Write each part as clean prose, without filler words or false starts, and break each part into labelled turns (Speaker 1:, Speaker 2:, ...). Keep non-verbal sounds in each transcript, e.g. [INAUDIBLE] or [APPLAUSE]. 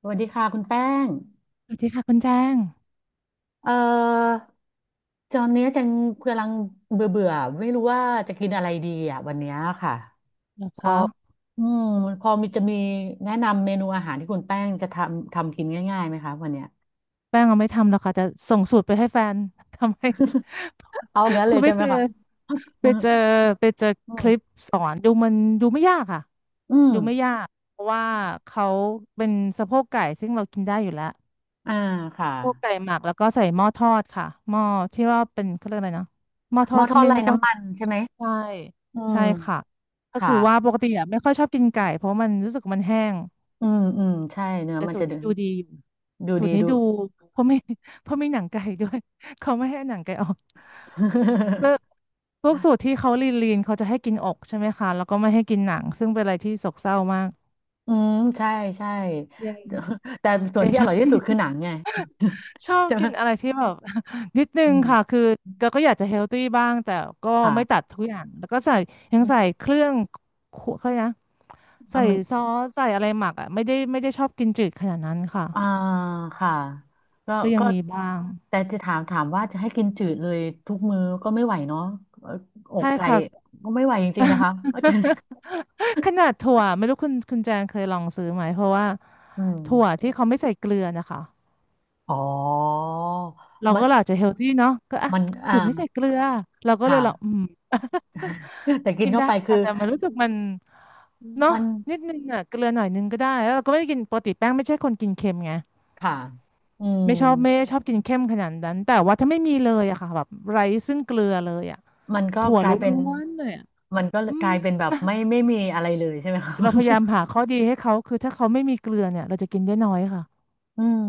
Speaker 1: สวัสดีค่ะคุณแป้ง
Speaker 2: สวัสดีค่ะคุณแจ้ง
Speaker 1: เอ่อตอนเนี้ยจังกำลังเบื่อเบื่อไม่รู้ว่าจะกินอะไรดีอ่ะวันเนี้ยค่ะ
Speaker 2: เหรอ
Speaker 1: พอ
Speaker 2: คะ
Speaker 1: อืมพอมีจะมีแนะนำเมนูอาหารที่คุณแป้งจะทำกินง่ายๆไหมคะวันเนี้ย
Speaker 2: แป้งเอาไม่ทำหรอกค่ะจะส่งสูตรไปให้แฟน [LAUGHS] ทำให้
Speaker 1: เอา
Speaker 2: [LAUGHS]
Speaker 1: งั้นเล
Speaker 2: คุณ
Speaker 1: ยใช่ไหมคะ
Speaker 2: ไป
Speaker 1: อืม
Speaker 2: เจอไปเจอ
Speaker 1: อื
Speaker 2: ค
Speaker 1: ม
Speaker 2: ลิปสอนดูมันดูไม่ยากค่ะ
Speaker 1: อืม
Speaker 2: ดูไม่ยากเพราะว่าเขาเป็นสะโพกไก่ซึ่งเรากินได้อยู่แล้ว
Speaker 1: อ่าค่ะ
Speaker 2: สะโพกไก่หมักแล้วก็ใส่หม้อทอดค่ะหม้อที่ว่าเป็นเขาเรียกอะไรนะหม้อท
Speaker 1: ห
Speaker 2: อ
Speaker 1: ม้อ
Speaker 2: ด
Speaker 1: ท
Speaker 2: ที่
Speaker 1: อด
Speaker 2: ไม่
Speaker 1: ไร้
Speaker 2: ไม่ต้อง
Speaker 1: น้ำ
Speaker 2: ใส่
Speaker 1: มันใช่ไหม
Speaker 2: ใช่
Speaker 1: อืม
Speaker 2: ใช่ค่ะก็
Speaker 1: ค่ะ
Speaker 2: คือว่าปกติอะไม่ค่อยชอบกินไก่เพราะมันรู้สึกมันแห้ง
Speaker 1: อืมใช่เนื้อ
Speaker 2: แต่
Speaker 1: มัน
Speaker 2: สู
Speaker 1: จะ
Speaker 2: ตร
Speaker 1: ดู
Speaker 2: นี้ดูดีอยู่
Speaker 1: ดู
Speaker 2: สูต
Speaker 1: ดี
Speaker 2: รนี้
Speaker 1: ดู
Speaker 2: ดูเพราะไม่ [LAUGHS] เพราะไม่หนังไก่ด้วย [LAUGHS] เขาไม่ให้หนังไก่ออกเลิก
Speaker 1: [LAUGHS]
Speaker 2: พวกสูตรที่เขาลีนลีนเขาจะให้กินอกใช่ไหมคะแล้วก็ไม่ให้กินหนังซึ่งเป็นอะไรที่โศกเศร้ามาก
Speaker 1: อืมใช่ใช่
Speaker 2: ยัง
Speaker 1: [LAUGHS] แต่ส่วน
Speaker 2: ยัง
Speaker 1: ที่
Speaker 2: ช
Speaker 1: อ
Speaker 2: อ
Speaker 1: ร่อ
Speaker 2: บ
Speaker 1: ยที่สุดคือหนังไง [LAUGHS]
Speaker 2: [LAUGHS] ชอบ
Speaker 1: ใช่ไห
Speaker 2: กินอะ
Speaker 1: ม
Speaker 2: ไรที่แบบ [LAUGHS] นิดนึ
Speaker 1: อื
Speaker 2: งค่ะ
Speaker 1: ม
Speaker 2: คือเราก็อยากจะเฮลตี้บ้างแต่ก็ไม่ตั
Speaker 1: ค่ะ
Speaker 2: ดทุกอย่างแล้วก็ใส่ยัง
Speaker 1: อื
Speaker 2: ใส่
Speaker 1: ม
Speaker 2: เครื่องครัวเขาเรียกนะ
Speaker 1: อ่ะ
Speaker 2: ใส่
Speaker 1: มัน
Speaker 2: ซอสใส่อะไรหมักอ่ะไม่ได้ชอบกินจืดขนาดนั้นค่ะ
Speaker 1: อ่าค่ะก็
Speaker 2: ก็ยัง
Speaker 1: ก็
Speaker 2: มีบ้าง
Speaker 1: แต่จะถามว่าจะให้กินจืดเลยทุกมื้อก็ไม่ไหวเนาะเอ่ออก
Speaker 2: ใช่
Speaker 1: ไก่
Speaker 2: ค่ะ
Speaker 1: ก็ไม่ไหวจริงๆนะคะ [LAUGHS] อาจารย์
Speaker 2: ขนาดถั่วไม่รู้คุณแจงเคยลองซื้อไหมเพราะว่า
Speaker 1: อืม
Speaker 2: ถั่วที่เขาไม่ใส่เกลือนะคะ
Speaker 1: อ๋อ
Speaker 2: เรา
Speaker 1: มัน
Speaker 2: ก็อาจจะเฮลตี้เนาะก็อ่ะสู
Speaker 1: อ่า
Speaker 2: ตรไม่ใส่เกลือเราก็เล
Speaker 1: ค่ะ
Speaker 2: ยลองอืม [LAUGHS]
Speaker 1: [LAUGHS] แต่กิน
Speaker 2: กิน
Speaker 1: เข้า
Speaker 2: ได้
Speaker 1: ไปคื
Speaker 2: ค่ะ
Speaker 1: อ
Speaker 2: แต่มันรู้สึกมันเนาะ
Speaker 1: มัน
Speaker 2: นิดนึงอ่ะเกลือหน่อยนึงก็ได้แล้วเราก็ไม่ได้กินปกติแป้งไม่ใช่คนกินเค็มไง
Speaker 1: ค่ะอืม
Speaker 2: ไม่ชอบไม่ได้ชอบกินเค็มขนาดนั้นแต่ว่าถ้าไม่มีเลยอะค่ะแบบไร้ซึ่งเกลือเลยอะ
Speaker 1: มันก็
Speaker 2: ถั่ว
Speaker 1: ก
Speaker 2: ล
Speaker 1: ลายเป็น
Speaker 2: ้วนๆเลยอะ
Speaker 1: มันก็
Speaker 2: อื
Speaker 1: ก
Speaker 2: ม
Speaker 1: ลายเป็นแบบไม่มีอะไรเลยใช่ไหมครับ
Speaker 2: [LAUGHS] เราพยายามหาข้อดีให้เขาคือถ้าเขาไม่มีเกลือเนี่ยเราจะกินได้น้อยค่ะ
Speaker 1: [LAUGHS] อืม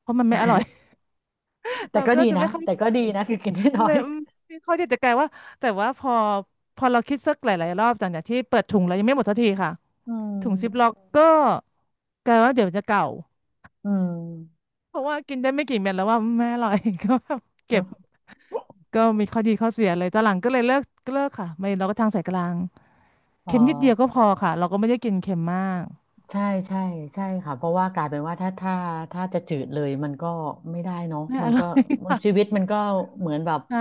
Speaker 2: เพราะมันไม่อร่อย
Speaker 1: แต่
Speaker 2: เรา
Speaker 1: ก็
Speaker 2: ก็
Speaker 1: ดี
Speaker 2: จะ
Speaker 1: นะ
Speaker 2: ไม่ค่อย
Speaker 1: แต่ก็ดี
Speaker 2: เหมือน
Speaker 1: นะคือกินได้น้อ
Speaker 2: เล
Speaker 1: ย
Speaker 2: ยอืมไม่ค่อยที่จะแกลายว่าแต่ว่าพอเราคิดสักหลายๆรอบจากอย่างที่เปิดถุงแล้วยังไม่หมดสักทีค่ะ
Speaker 1: [LAUGHS] อืม
Speaker 2: ถุงซิปล็อกก็แกลายว่าเดี๋ยวจะเก่า
Speaker 1: อืม
Speaker 2: เพราะว่ากินได้ไม่กี่เม็ดแล้วว่าไม่อร่อย [LAUGHS] ก็แบบ
Speaker 1: เน
Speaker 2: เก็บ
Speaker 1: อะ
Speaker 2: ก็มีข้อดีข้อเสียเลยตอนหลังก็เลยเลิกเลิกค่ะไม่เราก็ทางสายกลาง
Speaker 1: อ๋อ
Speaker 2: เค็มนิดเดียวก็พอค่ะเราก็ไม่ได้กินเค็มมาก
Speaker 1: ใช่ใช่ใช่ค่ะเพราะว่ากลายเป็นว่าถ้าจะจืดเลยมันก็ไม่ได้เนาะ
Speaker 2: ไม่
Speaker 1: มั
Speaker 2: อ
Speaker 1: น
Speaker 2: ร่
Speaker 1: ก็
Speaker 2: อย
Speaker 1: ชี
Speaker 2: ค่ะ
Speaker 1: วิตมันก็เหมือนแบบ
Speaker 2: ใช่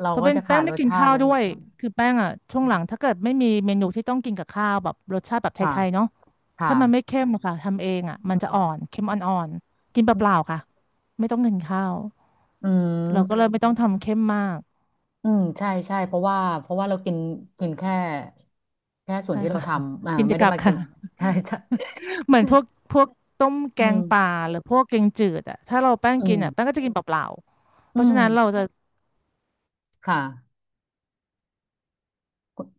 Speaker 1: เรา
Speaker 2: เพราะ
Speaker 1: ก็
Speaker 2: เป็น
Speaker 1: จะขา
Speaker 2: แป้ง
Speaker 1: ดร
Speaker 2: ไม่
Speaker 1: ส
Speaker 2: กิน
Speaker 1: ชาติ
Speaker 2: ข้า
Speaker 1: เล
Speaker 2: ว
Speaker 1: ย
Speaker 2: ด้วยคือแป้งอ่ะช่วง
Speaker 1: อื
Speaker 2: หลังถ้า
Speaker 1: ม
Speaker 2: เกิดไม่มีเมนูที่ต้องกินกับข้าวแบบรสชาติแบบ
Speaker 1: ค่ะ
Speaker 2: ไทยๆเนาะ ถ้ามันไม่
Speaker 1: ค่ะ
Speaker 2: เข้มอะค่ะทำเองอ่ะมันจะอ่อนเข้มอ่อนๆกินเปล่าๆค่ะไม่ต้องกินข้าว
Speaker 1: อื
Speaker 2: เราก็เล
Speaker 1: ม
Speaker 2: ยมไม่ต้องทำเข้มมาก
Speaker 1: อืมใช่ใช่เพราะว่าเรากินกินแค่แค่ส่วน
Speaker 2: ใช่
Speaker 1: ที่เรา
Speaker 2: ค่ะ
Speaker 1: ทำอ่า
Speaker 2: [LAUGHS] กิน
Speaker 1: ไม่
Speaker 2: แต่
Speaker 1: ได้
Speaker 2: กลับ
Speaker 1: มากิ
Speaker 2: ค่ะ
Speaker 1: น [LAUGHS]
Speaker 2: [LAUGHS]
Speaker 1: ใช่ใช่
Speaker 2: ค่ะเหมือนพวกพวกต้มแก
Speaker 1: อื
Speaker 2: ง
Speaker 1: ม
Speaker 2: ป่าหรือพวกแกงจืดอ่ะถ้าเราแป้ง
Speaker 1: อื
Speaker 2: กิน
Speaker 1: ม
Speaker 2: อ่ะแป้งก็จะกินเปล่าๆเพ
Speaker 1: อื
Speaker 2: ราะฉะนั้นเรา
Speaker 1: ม
Speaker 2: จะ
Speaker 1: ค่ะ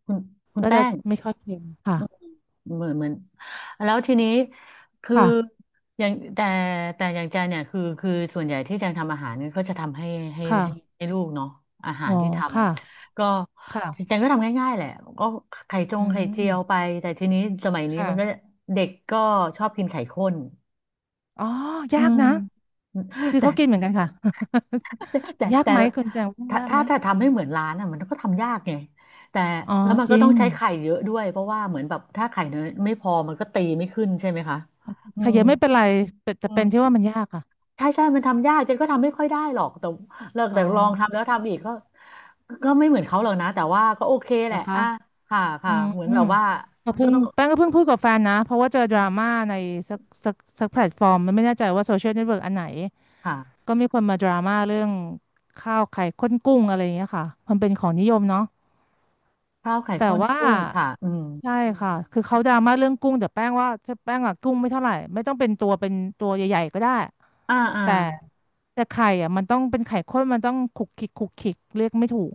Speaker 1: คุณคุณ
Speaker 2: ก็
Speaker 1: แป้
Speaker 2: จะ
Speaker 1: ง
Speaker 2: ไม่ค่อยเค็มค่ะ
Speaker 1: อืมเหมือนเหมือนแล้วทีนี้คือ
Speaker 2: ค่ะ
Speaker 1: อย่างแต่อย่างแจเนี่ยคือคือส่วนใหญ่ที่แจงทำอาหารเนี่ยก็จะทำให้ให้
Speaker 2: ค่ะ
Speaker 1: ให้ให้ลูกเนาะอาหา
Speaker 2: อ๋
Speaker 1: ร
Speaker 2: อ
Speaker 1: ที่ท
Speaker 2: ค่ะ
Speaker 1: ำก็แจ
Speaker 2: ค่ะ
Speaker 1: งก็ทำง่ายๆแหละก็ไข่จ
Speaker 2: อื
Speaker 1: งไข่เจี
Speaker 2: ม
Speaker 1: ยวไปแต่ทีนี้สมัยนี้มันก็
Speaker 2: ค่ะ
Speaker 1: เด็กก็ชอบกินไข่ข้น
Speaker 2: อ๋อ
Speaker 1: อื
Speaker 2: ยาก
Speaker 1: ม
Speaker 2: นะซื้อเขากินเห
Speaker 1: แต่
Speaker 2: มือนกันค่ะ [LAUGHS] ยากไหมคุณแจงว่า
Speaker 1: แต่
Speaker 2: ยากไหม
Speaker 1: ถ้าทำให้เหมือนร้านอ่ะมันก็ทำยากไงแต่
Speaker 2: อ๋อ
Speaker 1: แล้วมัน
Speaker 2: จ
Speaker 1: ก็
Speaker 2: ริ
Speaker 1: ต้อ
Speaker 2: ง
Speaker 1: งใช้ไข่เยอะด้วยเพราะว่าเหมือนแบบถ้าไข่เนยไม่พอมันก็ตีไม่ขึ้นใช่ไหมคะอื
Speaker 2: ข
Speaker 1: ม
Speaker 2: ยับไม่เป็นไรแต่จะ
Speaker 1: อื
Speaker 2: เป็นที่
Speaker 1: ม
Speaker 2: ว่ามันยากอ่ะ
Speaker 1: ใช่ใช่มันทำยากเจนก็ทำไม่ค่อยได้หรอกแต่แล้ว
Speaker 2: อ๋
Speaker 1: แต่ลองทำแล้ว
Speaker 2: อ
Speaker 1: ทำอีกก็ก็ไม่เหมือนเขาหรอกนะแต่ว่าก็โอเคแห
Speaker 2: เหรอ
Speaker 1: ละ
Speaker 2: คะ
Speaker 1: อ่ะค่ะ
Speaker 2: อื
Speaker 1: ค่ะ
Speaker 2: ม
Speaker 1: เหมือน
Speaker 2: อื
Speaker 1: แบ
Speaker 2: ม
Speaker 1: บว่า
Speaker 2: ก็
Speaker 1: ก็
Speaker 2: เพิ่ง
Speaker 1: ต้อง
Speaker 2: แป้งก็เพิ่งพูดกับแฟนนะเพราะว่าเจอด
Speaker 1: อื
Speaker 2: ราม่า
Speaker 1: ม
Speaker 2: ในสักสักสักแพลตฟอร์มมันไม่แน่ใจว่าโซเชียลเน็ตเวิร์กอันไหน
Speaker 1: ค่ะ
Speaker 2: ก็มีคนมาดราม่าเรื่องข้าวไข่ข้นกุ้งอะไรอย่างเงี้ยค่ะมันเป็นของนิยมเนาะ
Speaker 1: ข้าวไข่
Speaker 2: แต่
Speaker 1: ข้น
Speaker 2: ว่า
Speaker 1: กุ้งค่ะอืม
Speaker 2: ใช่ค่ะคือเขาดราม่าเรื่องกุ้งแต่แป้งว่าถ้าแป้งอะกุ้งไม่เท่าไหร่ไม่ต้องเป็นตัวเป็นตัวใหญ่ๆก็ได้
Speaker 1: อ่าอ่า
Speaker 2: แต่ไข่อะมันต้องเป็นไข่ข้นมันต้องขุกขิกขุกขิกเรียกไม่ถูก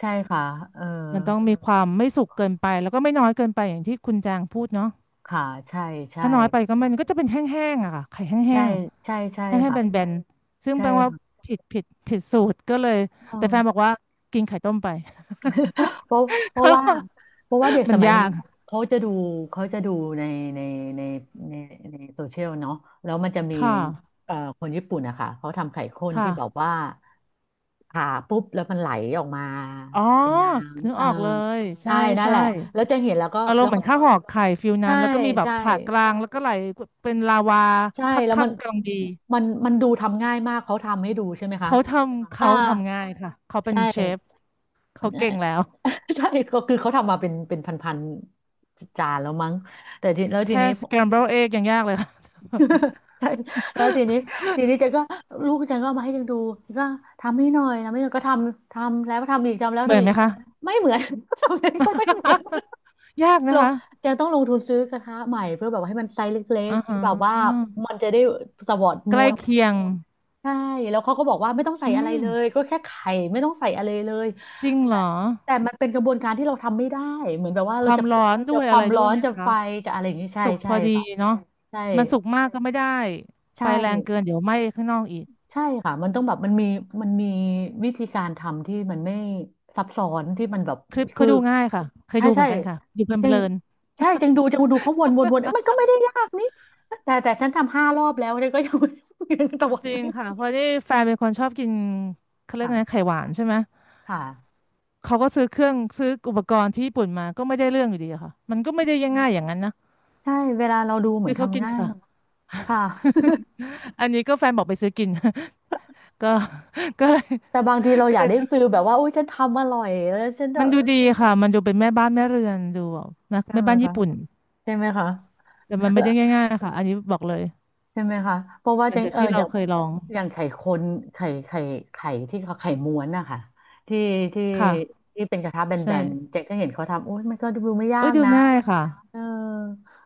Speaker 1: ใช่ค่ะเออ
Speaker 2: มันต้องมีความไม่สุกเกินไปแล้วก็ไม่น้อยเกินไปอย่างที่คุณจางพูดเนาะ
Speaker 1: ค่ะใช่ใช่
Speaker 2: ถ้าน้อยไปก็มันก็จะเป็นแห้งๆอะค่ะไข่แห้
Speaker 1: ใช่
Speaker 2: ง
Speaker 1: ใช่ใช่
Speaker 2: ๆแห้่งๆ
Speaker 1: ค่ะ
Speaker 2: แบนๆซึ่ง
Speaker 1: ใช่
Speaker 2: แปลว่า
Speaker 1: ค่ะ
Speaker 2: ผิดสูตรก็เลย
Speaker 1: อื
Speaker 2: แต่แฟนบอ
Speaker 1: ม
Speaker 2: กว่ากินไข่ต้มไป
Speaker 1: เพราะเพ
Speaker 2: [LAUGHS]
Speaker 1: ราะ
Speaker 2: ก็
Speaker 1: ว่า
Speaker 2: เอา
Speaker 1: เพราะว่าเด็ก
Speaker 2: มั
Speaker 1: ส
Speaker 2: น
Speaker 1: มัย
Speaker 2: ยา
Speaker 1: นี้
Speaker 2: กอ
Speaker 1: เขาจะดูเขาจะดูในในในในในโซเชียลเนาะแล้วมันจะมี
Speaker 2: ค่ะ
Speaker 1: คนญี่ปุ่นนะคะเขาทำไข่ข้นที่แบบ
Speaker 2: ค่ะ
Speaker 1: ว่าผ่าปุ๊บแล้วมันไหลออกมา
Speaker 2: อ๋อ
Speaker 1: เป็นน้
Speaker 2: นึ
Speaker 1: ำ
Speaker 2: ก
Speaker 1: เออ
Speaker 2: ออกเลยใช่
Speaker 1: ใช่นั่นแห
Speaker 2: ใช่
Speaker 1: ละแล้วจะเห็นแล้วก็
Speaker 2: อารม
Speaker 1: แล้ว
Speaker 2: เณ์เหมื
Speaker 1: ก็
Speaker 2: อนข้าวห่อไข่ฟิลนั้
Speaker 1: ใช่
Speaker 2: นแล้วก็มีแบบ
Speaker 1: ใช่
Speaker 2: ผ่ากลางแล้วก็ไหลเป็นลาวา
Speaker 1: ใช่
Speaker 2: คั
Speaker 1: แล้วมั
Speaker 2: ก
Speaker 1: น
Speaker 2: ๆกำลังดี
Speaker 1: มันมันดูทำง่ายมากเขาทำให้ดูใช่ไหมคะ
Speaker 2: เขาทำ
Speaker 1: อ่า
Speaker 2: เขาทำง่ายค่ะเขาเป็
Speaker 1: ใช
Speaker 2: นเชฟ
Speaker 1: ่
Speaker 2: เขา
Speaker 1: ใช่
Speaker 2: เก่งแล้ว
Speaker 1: [LAUGHS] ใช่ก็คือเขาทำมาเป็นพันๆจานแล้วมั้งแต่ทีแล้วที
Speaker 2: แค่
Speaker 1: นี้ผม
Speaker 2: scramble
Speaker 1: [LAUGHS]
Speaker 2: egg ยังยากเลยค่ะ
Speaker 1: ใช่แล้วทีนี้ทีนี้เจนก็ลูกเจนก็เอามาให้เจนดูก็ทำให้หน่อยทำให้หน่อยก็ทำทำแล้วทำอีกทำแล้
Speaker 2: [LAUGHS]
Speaker 1: ว
Speaker 2: เหมือ
Speaker 1: ทำ
Speaker 2: น
Speaker 1: อี
Speaker 2: ไห
Speaker 1: ก
Speaker 2: มคะ
Speaker 1: ไม่เหมือน [LAUGHS] ทำเองก็ไม่เหมือน
Speaker 2: [LAUGHS] ยากนะ
Speaker 1: เรา
Speaker 2: คะ
Speaker 1: เจนต้องลงทุนซื้อกระทะใหม่เพื่อแบบว่าให้มันไซส์เล็ก
Speaker 2: อ่า
Speaker 1: ๆที่แบบว่า
Speaker 2: ฮะ
Speaker 1: มันจะได้สวอด
Speaker 2: ใก
Speaker 1: ม้
Speaker 2: ล้
Speaker 1: วน
Speaker 2: เคียง
Speaker 1: ใช่แล้วเขาก็บอกว่าไม่ต้องใส่
Speaker 2: อื
Speaker 1: อะไร
Speaker 2: ม
Speaker 1: เลยก็แค่ไข่ไม่ต้องใส่อะไรเลย
Speaker 2: จริงเห
Speaker 1: แต่
Speaker 2: รอ
Speaker 1: แต่มันเป็นกระบวนการที่เราทำไม่ได้เหมือนแบบว่า
Speaker 2: ค
Speaker 1: เรา
Speaker 2: วาม
Speaker 1: จะพ
Speaker 2: ร้
Speaker 1: ลิ
Speaker 2: อ
Speaker 1: ก
Speaker 2: นด้
Speaker 1: จะ
Speaker 2: วย
Speaker 1: ค
Speaker 2: อะ
Speaker 1: วา
Speaker 2: ไร
Speaker 1: ม
Speaker 2: ด้
Speaker 1: ร้
Speaker 2: ว
Speaker 1: อ
Speaker 2: ย
Speaker 1: น
Speaker 2: ไหม
Speaker 1: จะ
Speaker 2: คะ
Speaker 1: ไฟจะอะไรอย่างนี้ใช่
Speaker 2: สุกพ
Speaker 1: ใช่
Speaker 2: อดี
Speaker 1: ค่ะ
Speaker 2: เนาะ
Speaker 1: ใช่
Speaker 2: มันสุกมากก็ไม่ได้ไฟ
Speaker 1: ใช่
Speaker 2: แรงเกินเดี๋ยวไหม้ข้างนอกอีก
Speaker 1: ใช่ค่ะมันต้องแบบมันมีมันมีวิธีการทำที่มันไม่ซับซ้อนที่มันแบบ
Speaker 2: คลิป
Speaker 1: คื
Speaker 2: เขา
Speaker 1: อ
Speaker 2: ดูง่ายค่ะเคย
Speaker 1: ใช่
Speaker 2: ดูเห
Speaker 1: ใช่
Speaker 2: มือนกันค่ะดู
Speaker 1: จึ
Speaker 2: เพ
Speaker 1: ง
Speaker 2: ลิน
Speaker 1: ใช่จึงจึงดูเขาวนวนวนเอ้ยมันก็ไม่ได้ยากนี่แต่ฉันทำ5 รอบแล้วเนี่ยก็ยัง [LAUGHS] ยังตะวั
Speaker 2: ๆ
Speaker 1: น
Speaker 2: จริง
Speaker 1: ไม่
Speaker 2: ค่ะเพ
Speaker 1: มา
Speaker 2: ราะที่แฟนเป็นคนชอบกินเขาเรียก
Speaker 1: ค่ะ
Speaker 2: ไงไข่หวานใช่ไหม
Speaker 1: ค่ะ
Speaker 2: เขาก็ซื้อเครื่องซื้ออุปกรณ์ที่ญี่ปุ่นมาก็ไม่ได้เรื่องอยู่ดีอะค่ะมันก็ไม่ได้ยังง่ายอย่างนั้นนะ
Speaker 1: ใช่เวลาเราดูเหมื
Speaker 2: คื
Speaker 1: อน
Speaker 2: อเขากิ
Speaker 1: ทำ
Speaker 2: น
Speaker 1: ง่าย
Speaker 2: ค่ะ
Speaker 1: เนอะค่ะ
Speaker 2: อันนี้ก็แฟนบอกไปซื้อกิน [LAUGHS] ก็ก็เลย
Speaker 1: แต่บางทีเรา
Speaker 2: ก็
Speaker 1: อยา
Speaker 2: เล
Speaker 1: ก
Speaker 2: ย
Speaker 1: ได้ฟิลแบบว่าอุ้ยฉันทำอร่อยแล้วฉันจะ
Speaker 2: มันดูดีค่ะมันดูเป็นแม่บ้านแม่เรือนดูแบบนะ
Speaker 1: ใช่
Speaker 2: แม่
Speaker 1: ไหม
Speaker 2: บ้าน
Speaker 1: คะ
Speaker 2: ญี่ปุ่น
Speaker 1: ใช่ไหมคะ
Speaker 2: แต่มันไม่
Speaker 1: แล้ว
Speaker 2: ได้ง่ายๆนะคะอันนี้บอกเลย
Speaker 1: ใช่ไหมคะเพราะว่า
Speaker 2: หลั
Speaker 1: จั
Speaker 2: ง
Speaker 1: ง
Speaker 2: จาก
Speaker 1: เออ
Speaker 2: ที่
Speaker 1: อ
Speaker 2: เรา
Speaker 1: ย่าง
Speaker 2: เคยลอง
Speaker 1: อย่างไข่คนไข่ไข่ไข่ที่เขาไข่ม้วนนะคะที่ที่
Speaker 2: ค่ะ
Speaker 1: ที่เป็นกระทะแบ
Speaker 2: ใช่
Speaker 1: นๆเจ๊ก็เห็นเขาทำอุ้ยมันก็ดูไม่ยา
Speaker 2: เอ้ย
Speaker 1: ก
Speaker 2: ดู
Speaker 1: นะ
Speaker 2: ง่ายค่ะ
Speaker 1: เออ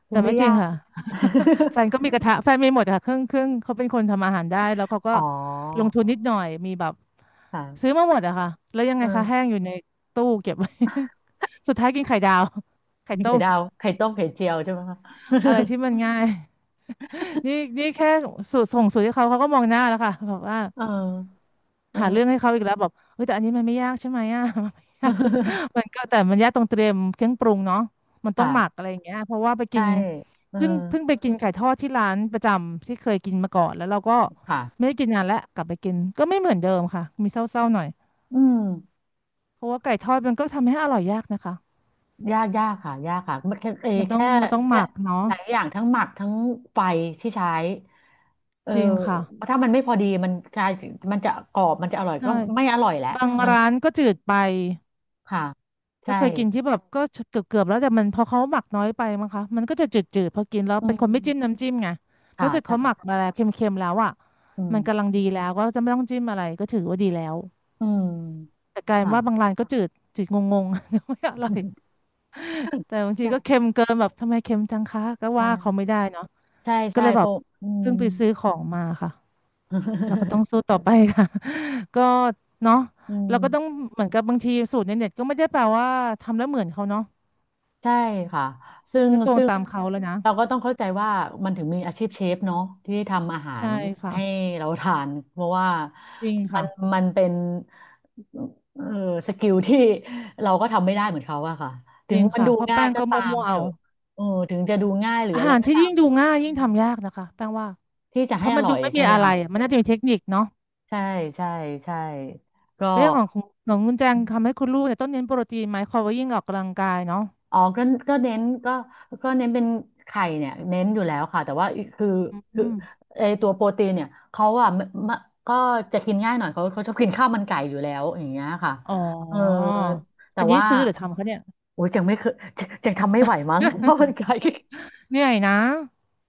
Speaker 1: ดู
Speaker 2: แต่
Speaker 1: ไม่
Speaker 2: ไม่จริ
Speaker 1: ยา
Speaker 2: ง
Speaker 1: ก
Speaker 2: ค่ะแฟนก็มีกระทะแฟนมีหมดค่ะเครื่องเครื่องเขาเป็นคนทำอาหารได้แล้วเขา
Speaker 1: [LAUGHS]
Speaker 2: ก็
Speaker 1: อ๋อ
Speaker 2: ลงทุนนิดหน่อยมีแบบซื้อ
Speaker 1: ค่ะ
Speaker 2: มาหมดอะค่ะแล้วยังไงคะแห้
Speaker 1: เออ
Speaker 2: งอยู่ในตู้เก็บไว้ [LAUGHS] สุดท้ายกินไข่ดาวไข่
Speaker 1: มี
Speaker 2: ต้
Speaker 1: ไข่
Speaker 2: ม
Speaker 1: ดาวไข่ต้มไข่เจียวใช่ไหมคะ
Speaker 2: อะไรที่มันง่าย นี่นี่แค่สูตรส่งสูตรให้เขาเขาก็มองหน้าแล้วค่ะแบบว่า
Speaker 1: [LAUGHS] เออเอ
Speaker 2: หาเรื่อง
Speaker 1: อ
Speaker 2: ให้เขาอีกแล้วบอกเฮ้ยแต่อันนี้มันไม่ยากใช่ไหมอ่ะ [LAUGHS] มันไม่ยากมันก็แต่มันยากตรงเตรียมเครื่องปรุงเนาะมัน
Speaker 1: [LAUGHS]
Speaker 2: ต้องหมัก
Speaker 1: ค่ะ
Speaker 2: อะไรอย่างเงี้ยเพราะว่าไปกิ
Speaker 1: ใช่
Speaker 2: น
Speaker 1: เออ
Speaker 2: เพิ่งไปกินไก่ทอดที่ร้านประจำที่เคยกินมาก่อนแล้วเราก็ไม่
Speaker 1: ค่ะ
Speaker 2: ได้กินนานแล้วกลับไปกินก็ไม่เหมือนเดิมค่ะมีเศร้าๆหน่อย
Speaker 1: อืม
Speaker 2: เพราะว่าไก่ทอดมันก็ทำให้อร่อยยากนะคะ
Speaker 1: ยากยากค่ะยากค่ะ มันแค่เอ
Speaker 2: มันต้อง
Speaker 1: แค่
Speaker 2: มันต้องห
Speaker 1: แค่
Speaker 2: มักเนาะ
Speaker 1: หลายอย่างทั้งหมักทั้งไฟที่ใช้เออ
Speaker 2: จริงค่ะ
Speaker 1: ถ้ามันไม่พอดีมันกลายมันจะกรอบมันจะอร่อย
Speaker 2: ใช่
Speaker 1: ก็ไม่อร่อยแหละ
Speaker 2: บาง
Speaker 1: มัน
Speaker 2: ร้านก็จืดไป
Speaker 1: ค่ะ
Speaker 2: ก็
Speaker 1: ใช่
Speaker 2: เคยกินที่แบบก็เกือบแล้วแต่มันพอเขาหมักน้อยไปมั้งคะมันก็จะจืดๆพอกินแล้ว
Speaker 1: อื
Speaker 2: เป็นคน
Speaker 1: ม
Speaker 2: ไม่จิ้มน้ำจิ้มไงถ้า
Speaker 1: ค่ะ
Speaker 2: เสร็จ
Speaker 1: ใช่
Speaker 2: เขาหมักมาแล้วเค็มๆแล้วอ่ะ
Speaker 1: อื
Speaker 2: มันกำ
Speaker 1: ม
Speaker 2: ลังดีแล้วก็จะไม่ต้องจิ้มอะไรก็ถือว่าดีแล้ว
Speaker 1: อืม
Speaker 2: แต่กลายเป็น
Speaker 1: ค่ะ
Speaker 2: ว่าบางร้านก็จืดจืดงงๆ [LAUGHS] ไม่อร่อยแต่บางทีก็
Speaker 1: ใช่
Speaker 2: เค็มเกินแบบทำไมเค็มจังคะก็
Speaker 1: ใช่
Speaker 2: ว่าเขาไม่ได้เนาะ
Speaker 1: ใช่
Speaker 2: ก็
Speaker 1: ใช่
Speaker 2: เลย
Speaker 1: เพ
Speaker 2: แบบ
Speaker 1: ราะอืม
Speaker 2: เพิ่งไปซื้อของมาค่ะเราก็ต้อ
Speaker 1: [LAUGHS]
Speaker 2: งสู้ต่อไปค่ะ [LAUGHS] ก็เนาะ
Speaker 1: อื
Speaker 2: เราก็ต้อง
Speaker 1: ม
Speaker 2: เหมือนกับบางทีสูตรในเน็ตก็ไม่ได้แปลว่าทำแล้วเหมือนเขาเนาะ
Speaker 1: ใช่ค่ะ
Speaker 2: ก็ตวง
Speaker 1: ซึ่ง
Speaker 2: ตามเขาแล้วนะ
Speaker 1: เราก็ต้องเข้าใจว่ามันถึงมีอาชีพเชฟเนาะที่ทำอาหา
Speaker 2: ใช่
Speaker 1: ร
Speaker 2: ค่ะ
Speaker 1: ให้เราทาน [LAUGHS] เพราะว่า
Speaker 2: จริง
Speaker 1: มั
Speaker 2: ค่ะ
Speaker 1: นมันเป็นเออสกิลที่เราก็ทำไม่ได้เหมือนเขาอะค่ะ
Speaker 2: จ
Speaker 1: ถึง
Speaker 2: ริง
Speaker 1: มัน
Speaker 2: ค่ะ
Speaker 1: ดู
Speaker 2: เพราะ
Speaker 1: ง่า
Speaker 2: แป้
Speaker 1: ย
Speaker 2: ง
Speaker 1: ก็
Speaker 2: ก็มั
Speaker 1: ตาม
Speaker 2: ่วๆ
Speaker 1: เถ
Speaker 2: เอา
Speaker 1: อะเออถึงจะดูง่ายหรือ
Speaker 2: อา
Speaker 1: อะไร
Speaker 2: หาร
Speaker 1: ก็
Speaker 2: ที่
Speaker 1: ตาม
Speaker 2: ยิ่ง
Speaker 1: เถ
Speaker 2: ดู
Speaker 1: อะ
Speaker 2: ง่าย
Speaker 1: อื
Speaker 2: ยิ่ง
Speaker 1: ม
Speaker 2: ทำยากนะคะแป้งว่า
Speaker 1: ที่จะ
Speaker 2: เพ
Speaker 1: ให้
Speaker 2: ราะ
Speaker 1: อ
Speaker 2: มัน
Speaker 1: ร่
Speaker 2: ดู
Speaker 1: อย
Speaker 2: ไม่
Speaker 1: ใช่
Speaker 2: มี
Speaker 1: ไหม
Speaker 2: อะไร
Speaker 1: คะ
Speaker 2: อะมันน่าจะมีเทคนิคเนาะ
Speaker 1: ใช่ใช่ใช่ก็
Speaker 2: เรื่องของคุณแจงทำให้คุณลูกเนี่ยต้องเน้นโปรตีนไหมคอยว่ายิ่งออกกำลังกายเนาะ
Speaker 1: อ๋อก็ก็เน้นก็ก็เน้นเป็นไข่เนี่ยเน้นอยู่แล้วค่ะแต่ว่าคือ
Speaker 2: อื
Speaker 1: คือ
Speaker 2: ม
Speaker 1: ไอตัวโปรตีนเนี่ยเขาอะไม่ไม่ก็จะกินง่ายหน่อยเขาชอบกินข้าวมันไก่อยู่แล้วอย่างเงี้ยค่ะ
Speaker 2: อ๋อ
Speaker 1: เออแต่
Speaker 2: อันนี้
Speaker 1: ว่า
Speaker 2: ซื้อหรือทำคะเนี่ย
Speaker 1: โอ้ยยังไม่เคยยังยังทำไม่ไหวมั้ง [LAUGHS] ข้าวมัน
Speaker 2: [LAUGHS]
Speaker 1: ไก่
Speaker 2: เหนื่อยนะ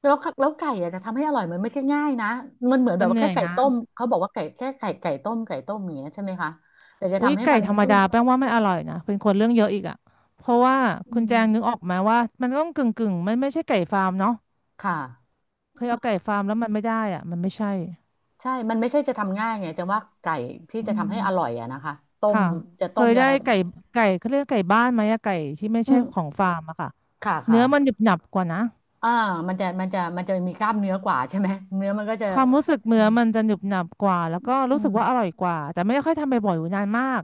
Speaker 1: แล้วค่ะแล้วไก่อะจะทำให้อร่อยมันไม่ใช่ง่ายนะมันเหมือนแบ
Speaker 2: มั
Speaker 1: บ
Speaker 2: น
Speaker 1: ว่า
Speaker 2: เหนื่
Speaker 1: แค่
Speaker 2: อย
Speaker 1: ไก่
Speaker 2: นะ
Speaker 1: ต้มเขาบอกว่าไก่แค่ไก่ไก่ต้มไก่ต้มอย่างเงี้ยใช่ไหมคะแต่จะ
Speaker 2: อุ้ย
Speaker 1: ทำให้
Speaker 2: ไก่
Speaker 1: มัน
Speaker 2: ธรรม
Speaker 1: นุ่
Speaker 2: ดา
Speaker 1: ม
Speaker 2: แป้งว่าไม่อร่อยนะเป็นคนเรื่องเยอะอีกอ่ะเพราะว่า
Speaker 1: อื
Speaker 2: คุณ
Speaker 1: ม
Speaker 2: แจงนึกออกไหมว่ามันต้องกึ่งมันไม่ใช่ไก่ฟาร์มเนาะ
Speaker 1: ค่ะ
Speaker 2: เคยเอาไก่ฟาร์มแล้วมันไม่ได้อ่ะมันไม่ใช่
Speaker 1: ใช่ มันไม่ใช่จะทำง่ายไงจะว่าไก่ที่
Speaker 2: อื
Speaker 1: จะทำ
Speaker 2: ม
Speaker 1: ให้อร่อยอะนะคะ ต้ม
Speaker 2: ค่ะ
Speaker 1: จะ
Speaker 2: เค
Speaker 1: ต้ม
Speaker 2: ย
Speaker 1: จะอะ
Speaker 2: ได้
Speaker 1: ไร
Speaker 2: ไก่ไก่เขาเรียกไก่บ้านไหมอะไก่ที่ไม่
Speaker 1: อื
Speaker 2: ใช่ข
Speaker 1: ม
Speaker 2: องฟาร์มอะค่ะ
Speaker 1: ค่ะค่ะ
Speaker 2: เนื้อมันหนึบหนับกว่านะ
Speaker 1: อ่ามันจะมันจะมันจะมีกล้ามเนื้อกว่าใช่ไหมเนื้อมันก็จะ
Speaker 2: ความรู้สึก
Speaker 1: อื
Speaker 2: เนื้อ
Speaker 1: ม
Speaker 2: มันจะหนึบหนับกว่าแล้วก็
Speaker 1: อื
Speaker 2: รู้สึ
Speaker 1: ม
Speaker 2: กว่าอร่อยกว่าแต่ไม่ได้ค่อยทำบ่อยๆอยู่นานมาก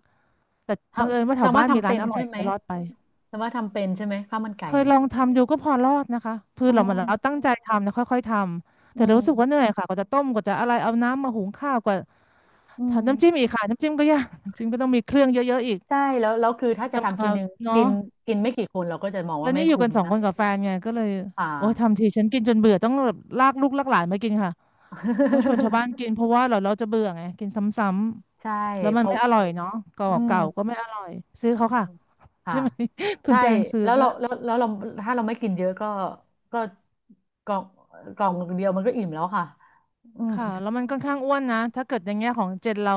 Speaker 2: แต่
Speaker 1: ท
Speaker 2: บังเอิญว่า
Speaker 1: ำ
Speaker 2: แถว
Speaker 1: จำว่า
Speaker 2: บ้านมี
Speaker 1: ทำ
Speaker 2: ร้า
Speaker 1: เป็
Speaker 2: น
Speaker 1: น
Speaker 2: อร่อ
Speaker 1: ใช่
Speaker 2: ย
Speaker 1: ไหม
Speaker 2: ก็รอดไป
Speaker 1: จำว่าทำเป็นใช่ไหมข้าวมันไก่
Speaker 2: เคย
Speaker 1: เนี่
Speaker 2: ล
Speaker 1: ย
Speaker 2: องทำดูก็พอรอดนะคะคือ
Speaker 1: อ๋อ
Speaker 2: เรามาเราตั้งใจทำนะค่อยๆทำ
Speaker 1: อื
Speaker 2: แต่รู้สึกว่าเหนื่
Speaker 1: ม
Speaker 2: อยค่ะกว่าจะต้มกว่าจะอะไรเอาน้ำมาหุงข้าวกว่า
Speaker 1: อืม
Speaker 2: ทำน้ำจิ้มอีกค่ะน้ำจิ้มก็ยากน้ำจิ้มก็ต้องมีเครื่องเยอะๆอีก
Speaker 1: ใช่แล้วคือถ้าจะ
Speaker 2: จะ
Speaker 1: ทำที
Speaker 2: มา
Speaker 1: นึง
Speaker 2: เนาะ
Speaker 1: กินกินไม่กี่คนเราก็จะมอง
Speaker 2: แล้
Speaker 1: ว่า
Speaker 2: ว
Speaker 1: ไม่
Speaker 2: นี่อยู่
Speaker 1: คุ้
Speaker 2: กั
Speaker 1: ม
Speaker 2: นสอง
Speaker 1: นะ
Speaker 2: คนกับแฟนไงก็เลย
Speaker 1: อ่า
Speaker 2: โอ้ยทำทีฉันกินจนเบื่อต้องแบบลากลูกลากหลานมากินค่ะต้องชวนชาว
Speaker 1: [LAUGHS]
Speaker 2: บ้านกินเพราะว่าเราจะเบื่อไงกินซ้ำ
Speaker 1: ใช่
Speaker 2: ๆแล้วมั
Speaker 1: เพ
Speaker 2: น
Speaker 1: ราะ
Speaker 2: ไม่อร่อยเนาะเก่า
Speaker 1: อืม
Speaker 2: เก่าก็ไม่อร่อยซื้อเขาค่ะ
Speaker 1: ค่ะ
Speaker 2: ใช่ไหม [LAUGHS] คุณ
Speaker 1: ใช่
Speaker 2: แจงซื้อ
Speaker 1: แล้วเรา
Speaker 2: ป่ะ
Speaker 1: แล้วแล้วเราถ้าเราไม่กินเยอะก็ก็กล่องกล่องเดียวมันก็อิ่มแล้วค่ะอืม
Speaker 2: ค่ะแล้วมันค่อนข้างอ้วนนะถ้าเกิดอย่างเงี้ยของเจนเรา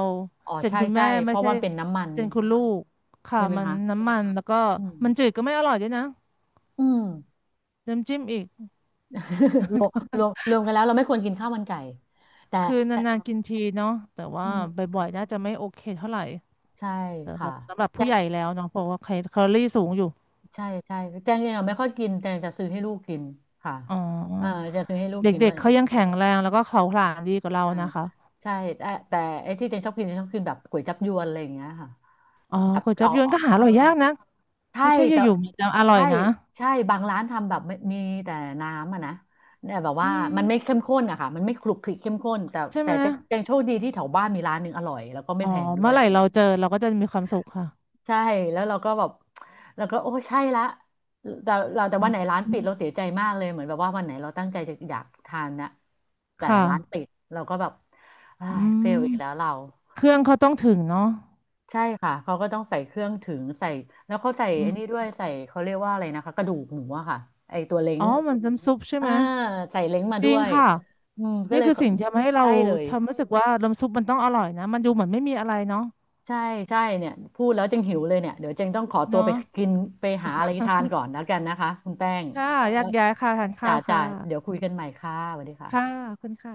Speaker 1: อ๋อ
Speaker 2: เจน
Speaker 1: ใช่
Speaker 2: คุณ
Speaker 1: ใช่
Speaker 2: แม่
Speaker 1: เพ
Speaker 2: ไม่
Speaker 1: ราะ
Speaker 2: ใช่
Speaker 1: มันเป็นน้ำมัน
Speaker 2: เจนคุณลูกค่ะ
Speaker 1: ใช่ไหม
Speaker 2: มัน
Speaker 1: คะ
Speaker 2: น้ำมันแล้วก็
Speaker 1: อื
Speaker 2: มันจืด
Speaker 1: ม
Speaker 2: ก็ไม่อร่อยด้วยนะ
Speaker 1: อืม
Speaker 2: น้ำจิ้มอีก
Speaker 1: [LAUGHS] รวมรวมกันแล้วเราไม่ควรกินข้าวมันไก่แต่
Speaker 2: คือ
Speaker 1: แต่
Speaker 2: นานๆกินทีเนาะแต่
Speaker 1: อื
Speaker 2: ว่า
Speaker 1: ม
Speaker 2: บ่อยๆน่าจะไม่โอเคเท่าไหร่
Speaker 1: ใช่
Speaker 2: สำห
Speaker 1: ค่ะ
Speaker 2: รับสำหรับ
Speaker 1: แจ
Speaker 2: ผู้ให
Speaker 1: ง
Speaker 2: ญ่แล้วเนาะเพราะว่าแคลอรี่สูงอยู่
Speaker 1: ใช่ใช่แจงเองอะไม่ค่อยกินแจงจะซื้อให้ลูกกินค่ะ
Speaker 2: อ๋อ
Speaker 1: เอ่าจะซื้อให้ลูกกิน
Speaker 2: เด็ก
Speaker 1: ว่า
Speaker 2: ๆเขายังแข็งแรงแล้วก็เขาผลาญดีกว่าเรา
Speaker 1: อ่า
Speaker 2: นะคะ
Speaker 1: ใช่แต่แต่ไอ้ที่แจงชอบกินแจงชอบกินแบบก๋วยจั๊บยวนอะไรอย่างเงี้ยค่ะ
Speaker 2: อ๋อ
Speaker 1: แบบ
Speaker 2: ก๋วยจั๊
Speaker 1: เอา
Speaker 2: บยวนก็หาอ
Speaker 1: อ
Speaker 2: ร่อยยากนะ
Speaker 1: ใช่
Speaker 2: ไม่ใช่อ
Speaker 1: แต่
Speaker 2: ยู่ๆมันจะอร่อ
Speaker 1: ใช่
Speaker 2: ยนะ
Speaker 1: ใช่บางร้านทำแบบไม่มีแต่น้ำอะนะเนี่ยแบบ
Speaker 2: อื
Speaker 1: ว่ามันไม่เข้
Speaker 2: ม
Speaker 1: มข้นอะค่ะมันไม่คลุกคลิกเข้มข้นแต่
Speaker 2: ใช่
Speaker 1: แต่
Speaker 2: ไหม
Speaker 1: จะยังโชคดีที่แถวบ้านมีร้านหนึ่งอร่อยแล้วก็ไม่
Speaker 2: อ๋อ
Speaker 1: แพงด้ว
Speaker 2: เมื่อ
Speaker 1: ย
Speaker 2: ไหร่
Speaker 1: ง
Speaker 2: เรา
Speaker 1: ย
Speaker 2: เจอเราก็จะมีความสุขค่ะ
Speaker 1: ใช่แล้วเราก็แบบเราก็โอ้ใช่ละแต่เราแต่
Speaker 2: อื
Speaker 1: วัน
Speaker 2: ม
Speaker 1: ไหนร้านปิดเราเสียใจมากเลยเหมือนแบบว่าวันไหนเราตั้งใจจะอยากทานนะแต่
Speaker 2: ค่ะ
Speaker 1: ร้านปิดเราก็แบบ
Speaker 2: อื
Speaker 1: เฟลอีกแล้ว
Speaker 2: ม
Speaker 1: เรา
Speaker 2: เครื่องเขาต้องถึงเนาะ
Speaker 1: ใช่ค่ะเขาก็ต้องใส่เครื่องถึงใส่แล้วเขาใส่
Speaker 2: อื
Speaker 1: ไอ้
Speaker 2: ม
Speaker 1: นี้ด้วยใส่เขาเรียกว่าอะไรนะคะกระดูกหมูอะค่ะไอตัวเล้
Speaker 2: อ๋
Speaker 1: ง
Speaker 2: อมันน้ำซุปใช่
Speaker 1: อ่า
Speaker 2: ไหม
Speaker 1: ใส่เล้งมา
Speaker 2: จ
Speaker 1: ด้
Speaker 2: ริง
Speaker 1: วย
Speaker 2: ค่ะ
Speaker 1: อืมก็
Speaker 2: นี่
Speaker 1: เลย
Speaker 2: คือ
Speaker 1: เขา
Speaker 2: สิ่งที่ทำให้เรา
Speaker 1: ใช่เลย
Speaker 2: ทำรู้สึกว่าน้ำซุปมันต้องอร่อยนะมันดูเหมือนไม่มีอะไรเนาะ
Speaker 1: ใช่ใช่เนี่ยพูดแล้วจึงหิวเลยเนี่ยเดี๋ยวจึงต้องขอตัว
Speaker 2: เนาะ
Speaker 1: ไปกินไปหาอะไรทานก่อนแล้วกันนะคะคุณแป้ง
Speaker 2: ค่ะแย
Speaker 1: แล้
Speaker 2: ก
Speaker 1: ว
Speaker 2: ย้ายค่ะทานข้า
Speaker 1: จ่า
Speaker 2: ว
Speaker 1: จ่า
Speaker 2: ค่ะ
Speaker 1: เดี๋ยวคุยกันใหม่ค่ะสวัสดี
Speaker 2: ค่ะ
Speaker 1: ค่ะ
Speaker 2: ขอบคุณค่ะ